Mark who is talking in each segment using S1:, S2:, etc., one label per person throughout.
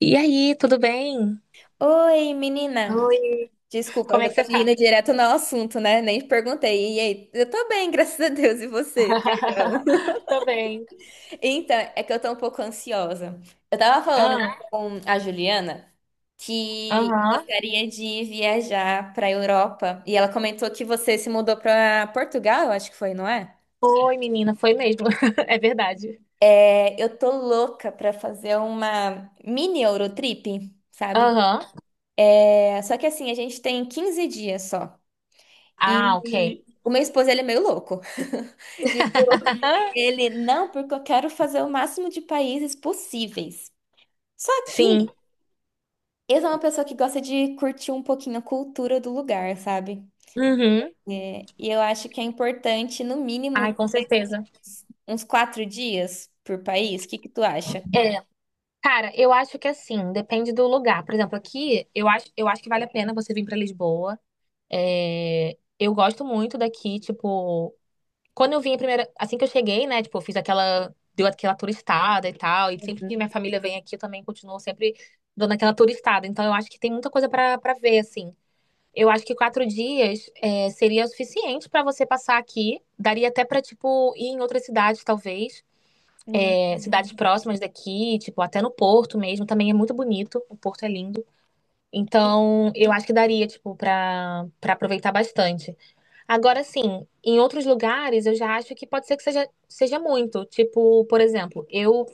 S1: E aí, tudo bem?
S2: Oi, menina.
S1: Oi,
S2: Desculpa, eu
S1: como é
S2: já
S1: que
S2: tô
S1: você tá?
S2: indo direto no assunto, né? Nem perguntei. E aí? Eu tô bem, graças a Deus. E você? Perdão.
S1: Tô bem.
S2: Então, é que eu tô um pouco ansiosa. Eu tava falando
S1: Ah,
S2: com a Juliana que eu
S1: aham.
S2: gostaria de viajar pra Europa. E ela comentou que você se mudou pra Portugal, eu acho que foi, não é?
S1: Foi, menina, foi mesmo. É verdade.
S2: É, eu tô louca pra fazer uma mini Eurotrip, sabe?
S1: Aham.
S2: É, só que assim, a gente tem 15 dias só.
S1: Ah, ok.
S2: E o meu esposo, ele é meio louco. Tipo, ele, não, porque eu quero fazer o máximo de países possíveis. Só
S1: Sim.
S2: que ele é uma pessoa que gosta de curtir um pouquinho a cultura do lugar, sabe?
S1: Uhum.
S2: É, e eu acho que é importante, no mínimo,
S1: Ai, com certeza.
S2: uns 4 dias por país. O que que tu acha?
S1: Cara, eu acho que assim, depende do lugar. Por exemplo, aqui, eu acho que vale a pena você vir pra Lisboa. É, eu gosto muito daqui, tipo. Quando eu vim a primeira, assim que eu cheguei, né, tipo, eu fiz aquela, deu aquela turistada e tal, e sempre que minha família vem aqui, eu também continuo sempre dando aquela turistada. Então eu acho que tem muita coisa pra para ver, assim. Eu acho que 4 dias é, seria o suficiente pra você passar aqui. Daria até pra, tipo, ir em outras cidades, talvez.
S2: Hum.
S1: É, cidades próximas daqui, tipo, até no Porto mesmo. Também é muito bonito. O Porto é lindo. Então, eu acho que daria, tipo, pra aproveitar bastante. Agora, sim, em outros lugares eu já acho que pode ser que seja muito. Tipo, por exemplo, eu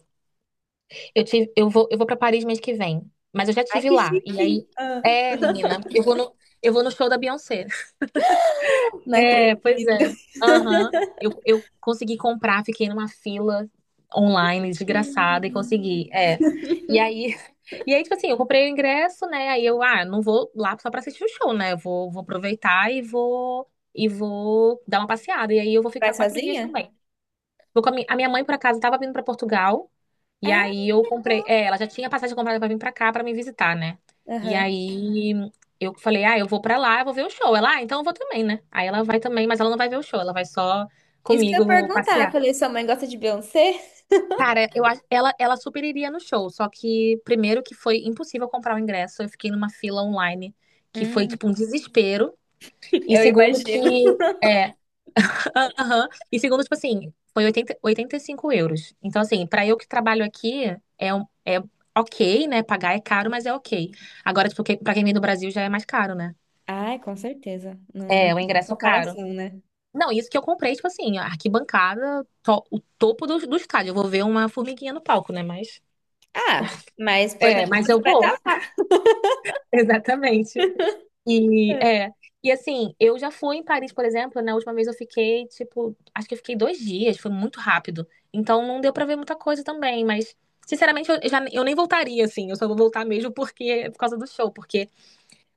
S1: eu tive, eu vou para Paris mês que vem, mas eu já
S2: Ai,
S1: tive
S2: que
S1: lá. E
S2: chique!
S1: aí,
S2: Ah,
S1: é, menina, eu vou no show da Beyoncé.
S2: não
S1: É, pois é.
S2: acredito.
S1: Aham. Eu consegui comprar, fiquei numa fila online, desgraçada, e
S2: Hum.
S1: consegui. É. E aí, e aí, tipo assim, eu comprei o ingresso, né? Aí eu, ah, não vou lá só pra assistir o show, né? Vou aproveitar e e vou dar uma passeada. E aí eu vou
S2: Vai
S1: ficar 4 dias
S2: sozinha?
S1: também. Vou com a, a minha mãe, por acaso, tava vindo pra Portugal. E
S2: Ah,
S1: aí eu
S2: tá.
S1: comprei. É, ela já tinha passagem comprada pra vir pra cá pra me visitar, né? E
S2: Aham.
S1: aí eu falei, ah, eu vou pra lá, eu vou ver o show. Ela, ah, então eu vou também, né? Aí ela vai também, mas ela não vai ver o show, ela vai só
S2: Isso que eu ia
S1: comigo
S2: perguntar.
S1: passear.
S2: Falei, sua mãe gosta de Beyoncé?
S1: Cara, eu acho, ela super iria no show, só que primeiro que foi impossível comprar o ingresso, eu fiquei numa fila online, que foi
S2: Hum.
S1: tipo um desespero. E
S2: Eu
S1: segundo
S2: imagino.
S1: que, é, aham. E segundo, tipo assim, foi oitenta e cinco euros. Então, assim, pra eu que trabalho aqui, é, é ok, né? Pagar é caro, mas é ok. Agora, tipo, pra quem vem do Brasil já é mais caro, né?
S2: Ai, com certeza. Não, não
S1: É, o
S2: tem
S1: ingresso caro.
S2: comparação, né?
S1: Não, isso que eu comprei, tipo assim, a arquibancada, o topo do, do estádio. Eu vou ver uma formiguinha no palco, né? Mas.
S2: Ah, mas o
S1: É,
S2: importante é
S1: mas
S2: que
S1: eu
S2: você vai
S1: vou.
S2: estar lá.
S1: Exatamente. E
S2: É.
S1: é. E assim, eu já fui em Paris, por exemplo, na última vez eu fiquei, tipo, acho que eu fiquei 2 dias, foi muito rápido. Então não deu pra ver muita coisa também, mas sinceramente eu, eu nem voltaria, assim, eu só vou voltar mesmo porque é por causa do show, porque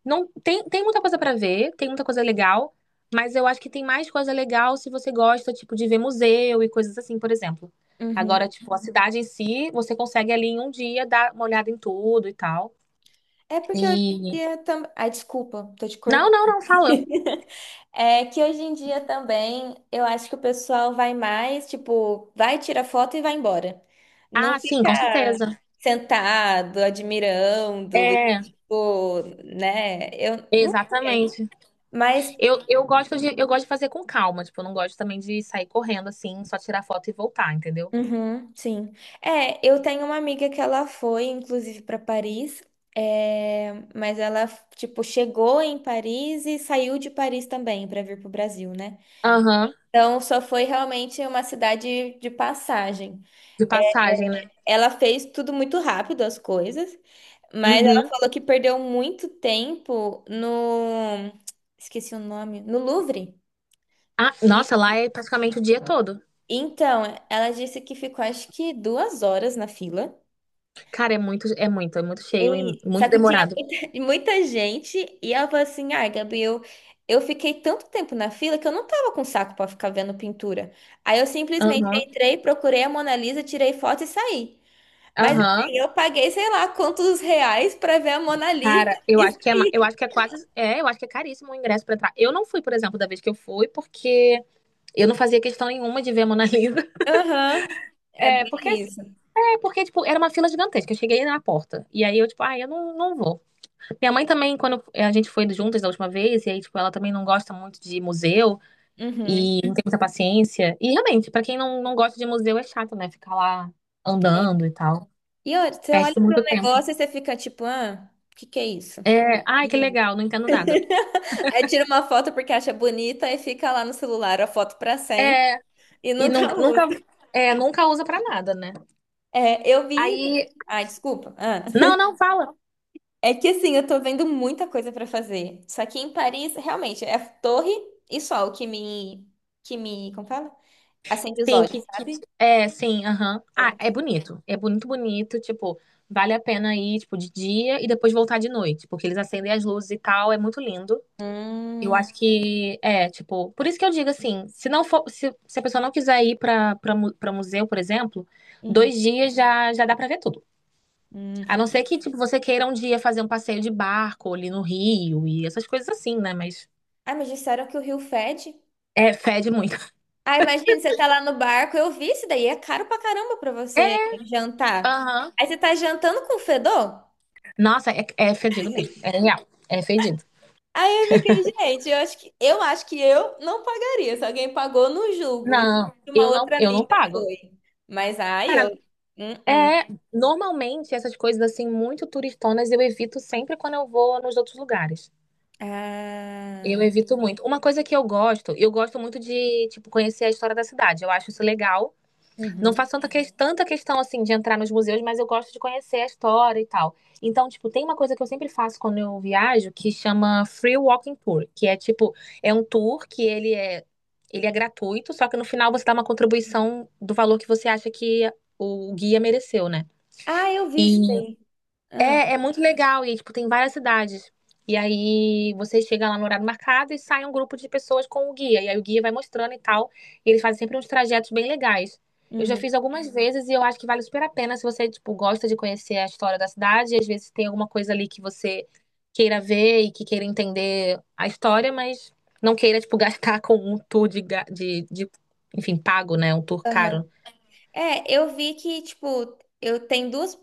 S1: não tem, tem muita coisa pra ver, tem muita coisa legal, mas eu acho que tem mais coisa legal se você gosta, tipo, de ver museu e coisas assim, por exemplo.
S2: Uhum.
S1: Agora, tipo, a cidade em si, você consegue ali em um dia dar uma olhada em tudo e tal.
S2: É porque hoje em
S1: E.
S2: dia também. Ai, desculpa, tô te
S1: Não,
S2: cortando.
S1: não, não, fala.
S2: É que hoje em dia também eu acho que o pessoal vai mais, tipo, vai, tira foto e vai embora. Não
S1: Ah, sim,
S2: fica
S1: com certeza.
S2: sentado, admirando, e,
S1: É,
S2: tipo, né? Eu não sei.
S1: exatamente.
S2: Mas
S1: Eu gosto de fazer com calma, tipo, eu não gosto também de sair correndo assim, só tirar foto e voltar, entendeu?
S2: uhum, sim. É, eu tenho uma amiga que ela foi, inclusive, para Paris, é, mas ela, tipo, chegou em Paris e saiu de Paris também para vir pro Brasil, né?
S1: Aham,
S2: Então, só foi realmente uma cidade de passagem.
S1: de passagem, né?
S2: Ela fez tudo muito rápido, as coisas, mas ela
S1: Uhum.
S2: falou que perdeu muito tempo no... Esqueci o nome. No Louvre.
S1: Ah,
S2: E-
S1: nossa, lá é praticamente o dia todo.
S2: Então, ela disse que ficou, acho que 2 horas na fila.
S1: Cara, é muito, é muito, é muito cheio e
S2: Ei, só
S1: muito
S2: que tinha
S1: demorado.
S2: muita, muita gente e ela falou assim: ai, Gabriel, eu fiquei tanto tempo na fila que eu não tava com saco pra ficar vendo pintura. Aí eu simplesmente
S1: Aham,
S2: entrei, procurei a Mona Lisa, tirei foto e saí. Mas
S1: aham.
S2: assim, eu paguei, sei lá, quantos reais pra ver a Mona Lisa.
S1: Cara,
S2: e-
S1: eu acho que é quase, é, eu acho que é caríssimo o ingresso pra entrar. Eu não fui, por exemplo, da vez que eu fui, porque eu não fazia questão nenhuma de ver a Mona Lisa.
S2: Aham, é
S1: É,
S2: bem
S1: porque
S2: isso.
S1: é porque, tipo, era uma fila gigantesca. Eu cheguei na porta. E aí eu, tipo, ah, eu não, não vou. Minha mãe também, quando a gente foi juntas da última vez, e aí, tipo, ela também não gosta muito de museu
S2: Uhum.
S1: e não tem muita paciência. E realmente, pra quem não, não gosta de museu é chato, né? Ficar lá andando e tal.
S2: E olha, você olha
S1: Perde
S2: para um
S1: muito tempo.
S2: negócio e você fica tipo: ah, o que que é isso?
S1: É, ai, que legal, não entendo nada.
S2: Aí tira uma foto porque acha bonita e fica lá no celular a foto pra sempre e
S1: E
S2: nunca
S1: nun- nunca,
S2: usa.
S1: é, nunca usa pra nada, né?
S2: É, eu vi.
S1: Aí.
S2: Ai, desculpa. Ah.
S1: Não, não, fala.
S2: É que assim, eu tô vendo muita coisa pra fazer. Só que em Paris, realmente, é torre e sol que me. Que me. Como fala? Acende os
S1: Sim,
S2: olhos,
S1: que
S2: sabe?
S1: é, sim, aham. Ah,
S2: É.
S1: é bonito. É bonito, bonito, tipo, vale a pena ir, tipo, de dia e depois voltar de noite, porque eles acendem as luzes e tal, é muito lindo. Eu
S2: Hum,
S1: acho que é, tipo, por isso que eu digo assim, se não for, se a pessoa não quiser ir pra para para museu, por exemplo,
S2: uhum,
S1: 2 dias já dá pra ver tudo. A
S2: hum.
S1: não ser que tipo você queira um dia fazer um passeio de barco ali no Rio e essas coisas assim, né? Mas
S2: Ai, mas disseram que o Rio fede.
S1: é fede muito.
S2: Ah, imagina, você tá lá no barco, eu vi isso daí, é caro pra caramba pra você jantar.
S1: Aham.
S2: Aí você tá jantando com fedor?
S1: Nossa, é, é fedido mesmo. É real. É fedido.
S2: Aí eu fiquei, gente, eu acho que eu acho que eu não pagaria, se alguém pagou, não julgo. Inclusive,
S1: Não,
S2: uma
S1: eu não,
S2: outra
S1: eu não
S2: amiga
S1: pago.
S2: foi. Mas ai, eu.
S1: Cara,
S2: Hum, hum.
S1: é, normalmente essas coisas assim muito turistonas eu evito sempre quando eu vou nos outros lugares. Eu
S2: Ah.
S1: evito muito. Uma coisa que eu gosto muito de, tipo, conhecer a história da cidade. Eu acho isso legal. Não
S2: Uhum.
S1: faço tanta, tanta questão assim de entrar nos museus, mas eu gosto de conhecer a história e tal. Então, tipo, tem uma coisa que eu sempre faço quando eu viajo que chama Free Walking Tour, que é tipo, é um tour que ele é gratuito, só que no final você dá uma contribuição do valor que você acha que o guia mereceu, né?
S2: Ah, eu vi isso
S1: E
S2: daí. Ah,
S1: é, é muito legal e tipo tem várias cidades. E aí você chega lá no horário marcado e sai um grupo de pessoas com o guia. E aí o guia vai mostrando e tal. E eles fazem sempre uns trajetos bem legais. Eu já
S2: uhum.
S1: fiz algumas vezes e eu acho que vale super a pena se você tipo gosta de conhecer a história da cidade. E às vezes tem alguma coisa ali que você queira ver e que queira entender a história, mas não queira tipo gastar com um tour de enfim pago, né? Um tour
S2: Aham.
S1: caro.
S2: É, eu vi que, tipo, eu tenho duas,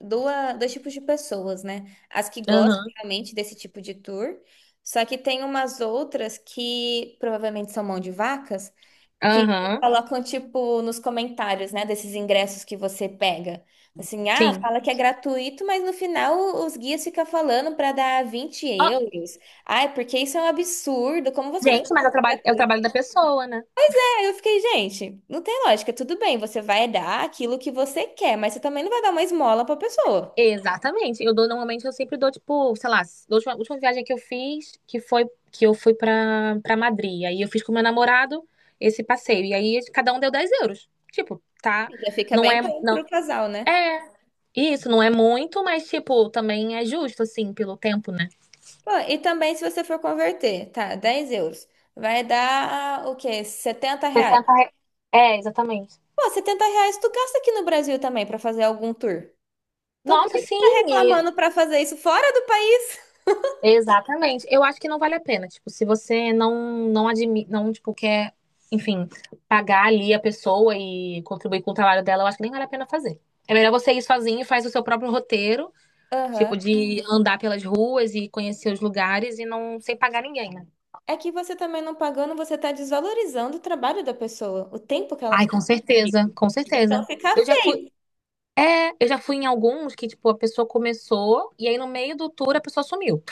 S2: duas, dois tipos de pessoas, né? As que gostam
S1: Aham.
S2: realmente desse tipo de tour, só que tem umas outras que provavelmente são mão de vaca, que
S1: Aham.
S2: colocam, tipo, nos comentários, né, desses ingressos que você pega. Assim, ah,
S1: Sim.
S2: fala que é gratuito, mas no final os guias ficam falando para dar 20
S1: Ó,
S2: euros. Ah, porque isso é um absurdo, como você fala
S1: gente, mas
S2: que é
S1: é o
S2: gratuito?
S1: trabalho da pessoa, né?
S2: Aí eu fiquei, gente, não tem lógica, tudo bem, você vai dar aquilo que você quer, mas você também não vai dar uma esmola pra pessoa.
S1: Exatamente. Eu dou normalmente eu sempre dou tipo, sei lá, a última viagem que eu fiz, que foi que eu fui pra para Madrid. Aí eu fiz com meu namorado esse passeio e aí cada um deu 10 euros. Tipo, tá?
S2: Já fica
S1: Não
S2: bem
S1: é
S2: bom
S1: não
S2: pro casal, né?
S1: é isso, não é muito, mas tipo, também é justo assim pelo tempo, né?
S2: Pô, e também se você for converter, tá, 10 euros, vai dar o quê? 70 reais.
S1: 60 re- É, exatamente.
S2: Pô, 70 reais tu gasta aqui no Brasil também pra fazer algum tour. Então por
S1: Nossa,
S2: que que tu
S1: sim,
S2: tá reclamando pra fazer isso fora do país?
S1: exatamente. Eu acho que não vale a pena. Tipo, se você não admite, não, tipo, quer, enfim, pagar ali a pessoa e contribuir com o trabalho dela, eu acho que nem vale a pena fazer. É melhor você ir sozinho e faz o seu próprio roteiro,
S2: Aham.
S1: tipo, de andar pelas ruas e conhecer os lugares e não sem pagar ninguém, né?
S2: É que você também não pagando, você tá desvalorizando o trabalho da pessoa, o tempo que ela
S1: Ai,
S2: ficou
S1: com certeza,
S2: contigo.
S1: com
S2: Então
S1: certeza.
S2: fica
S1: Eu já fui,
S2: feio.
S1: eu já fui em alguns que, tipo, a pessoa começou e aí no meio do tour a pessoa sumiu.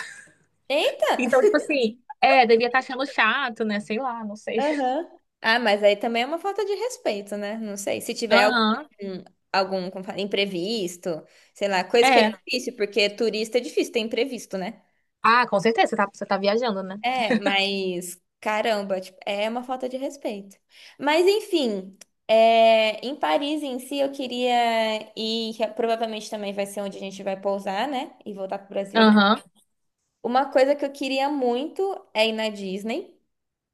S2: Eita!
S1: Então, tipo assim, é, devia estar achando chato, né? Sei lá, não sei.
S2: Aham. Ah, mas aí também é uma falta de respeito, né? Não sei. Se tiver algum,
S1: Aham.
S2: algum como fala, imprevisto, sei lá, coisa que é
S1: É.
S2: difícil, porque turista é difícil ter imprevisto, né?
S1: Ah, com certeza, você tá viajando, né?
S2: É, mas caramba, tipo, é uma falta de respeito. Mas enfim, é, em Paris em si eu queria ir, que provavelmente também vai ser onde a gente vai pousar, né? E voltar pro Brasil depois.
S1: Aham.
S2: Uma coisa que eu queria muito é ir na Disney.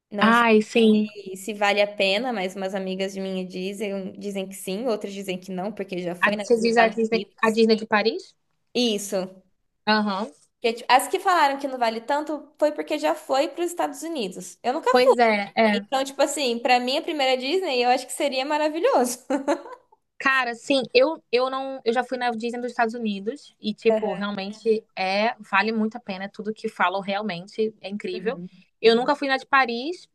S2: Não
S1: Ai,
S2: sei
S1: sim.
S2: se, se vale a pena, mas umas amigas de minha dizem, que sim, outras dizem que não, porque já
S1: A,
S2: foi nos
S1: você diz
S2: Estados
S1: A
S2: Unidos.
S1: Disney de Paris?
S2: Isso.
S1: Aham.
S2: Porque, tipo, as que falaram que não vale tanto foi porque já foi para os Estados Unidos. Eu nunca fui.
S1: Pois é, é.
S2: Então, tipo assim, pra mim a primeira Disney, eu acho que seria maravilhoso.
S1: Cara, sim, eu não, eu já fui na Disney dos Estados Unidos e tipo,
S2: Aham.
S1: realmente é, vale muito a pena, tudo que falam realmente é incrível.
S2: Uhum.
S1: Eu nunca fui na de Paris,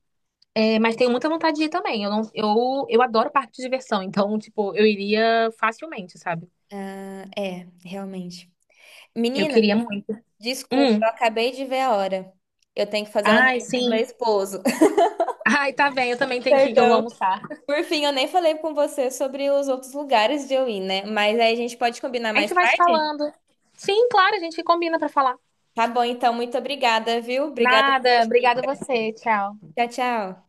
S1: é, mas tenho muita vontade de ir também. Eu não, eu adoro parque de diversão, então tipo, eu iria facilmente, sabe?
S2: Ah, é, realmente.
S1: Eu
S2: Menina,
S1: queria muito.
S2: desculpa,
S1: Hum.
S2: eu acabei de ver a hora. Eu tenho que fazer almoço
S1: Ai,
S2: pro meu
S1: sim.
S2: esposo.
S1: Ai, tá bem, eu também tenho que ir, que eu vou
S2: Perdão.
S1: almoçar.
S2: Por fim, eu nem falei com você sobre os outros lugares de eu ir, né? Mas aí a gente pode combinar
S1: A
S2: mais
S1: gente vai se
S2: tarde?
S1: falando. Sim, claro, a gente combina pra falar.
S2: Tá bom, então, muito obrigada, viu? Obrigada pela
S1: Nada, obrigada a
S2: dica.
S1: você. Tchau.
S2: Tchau, tchau.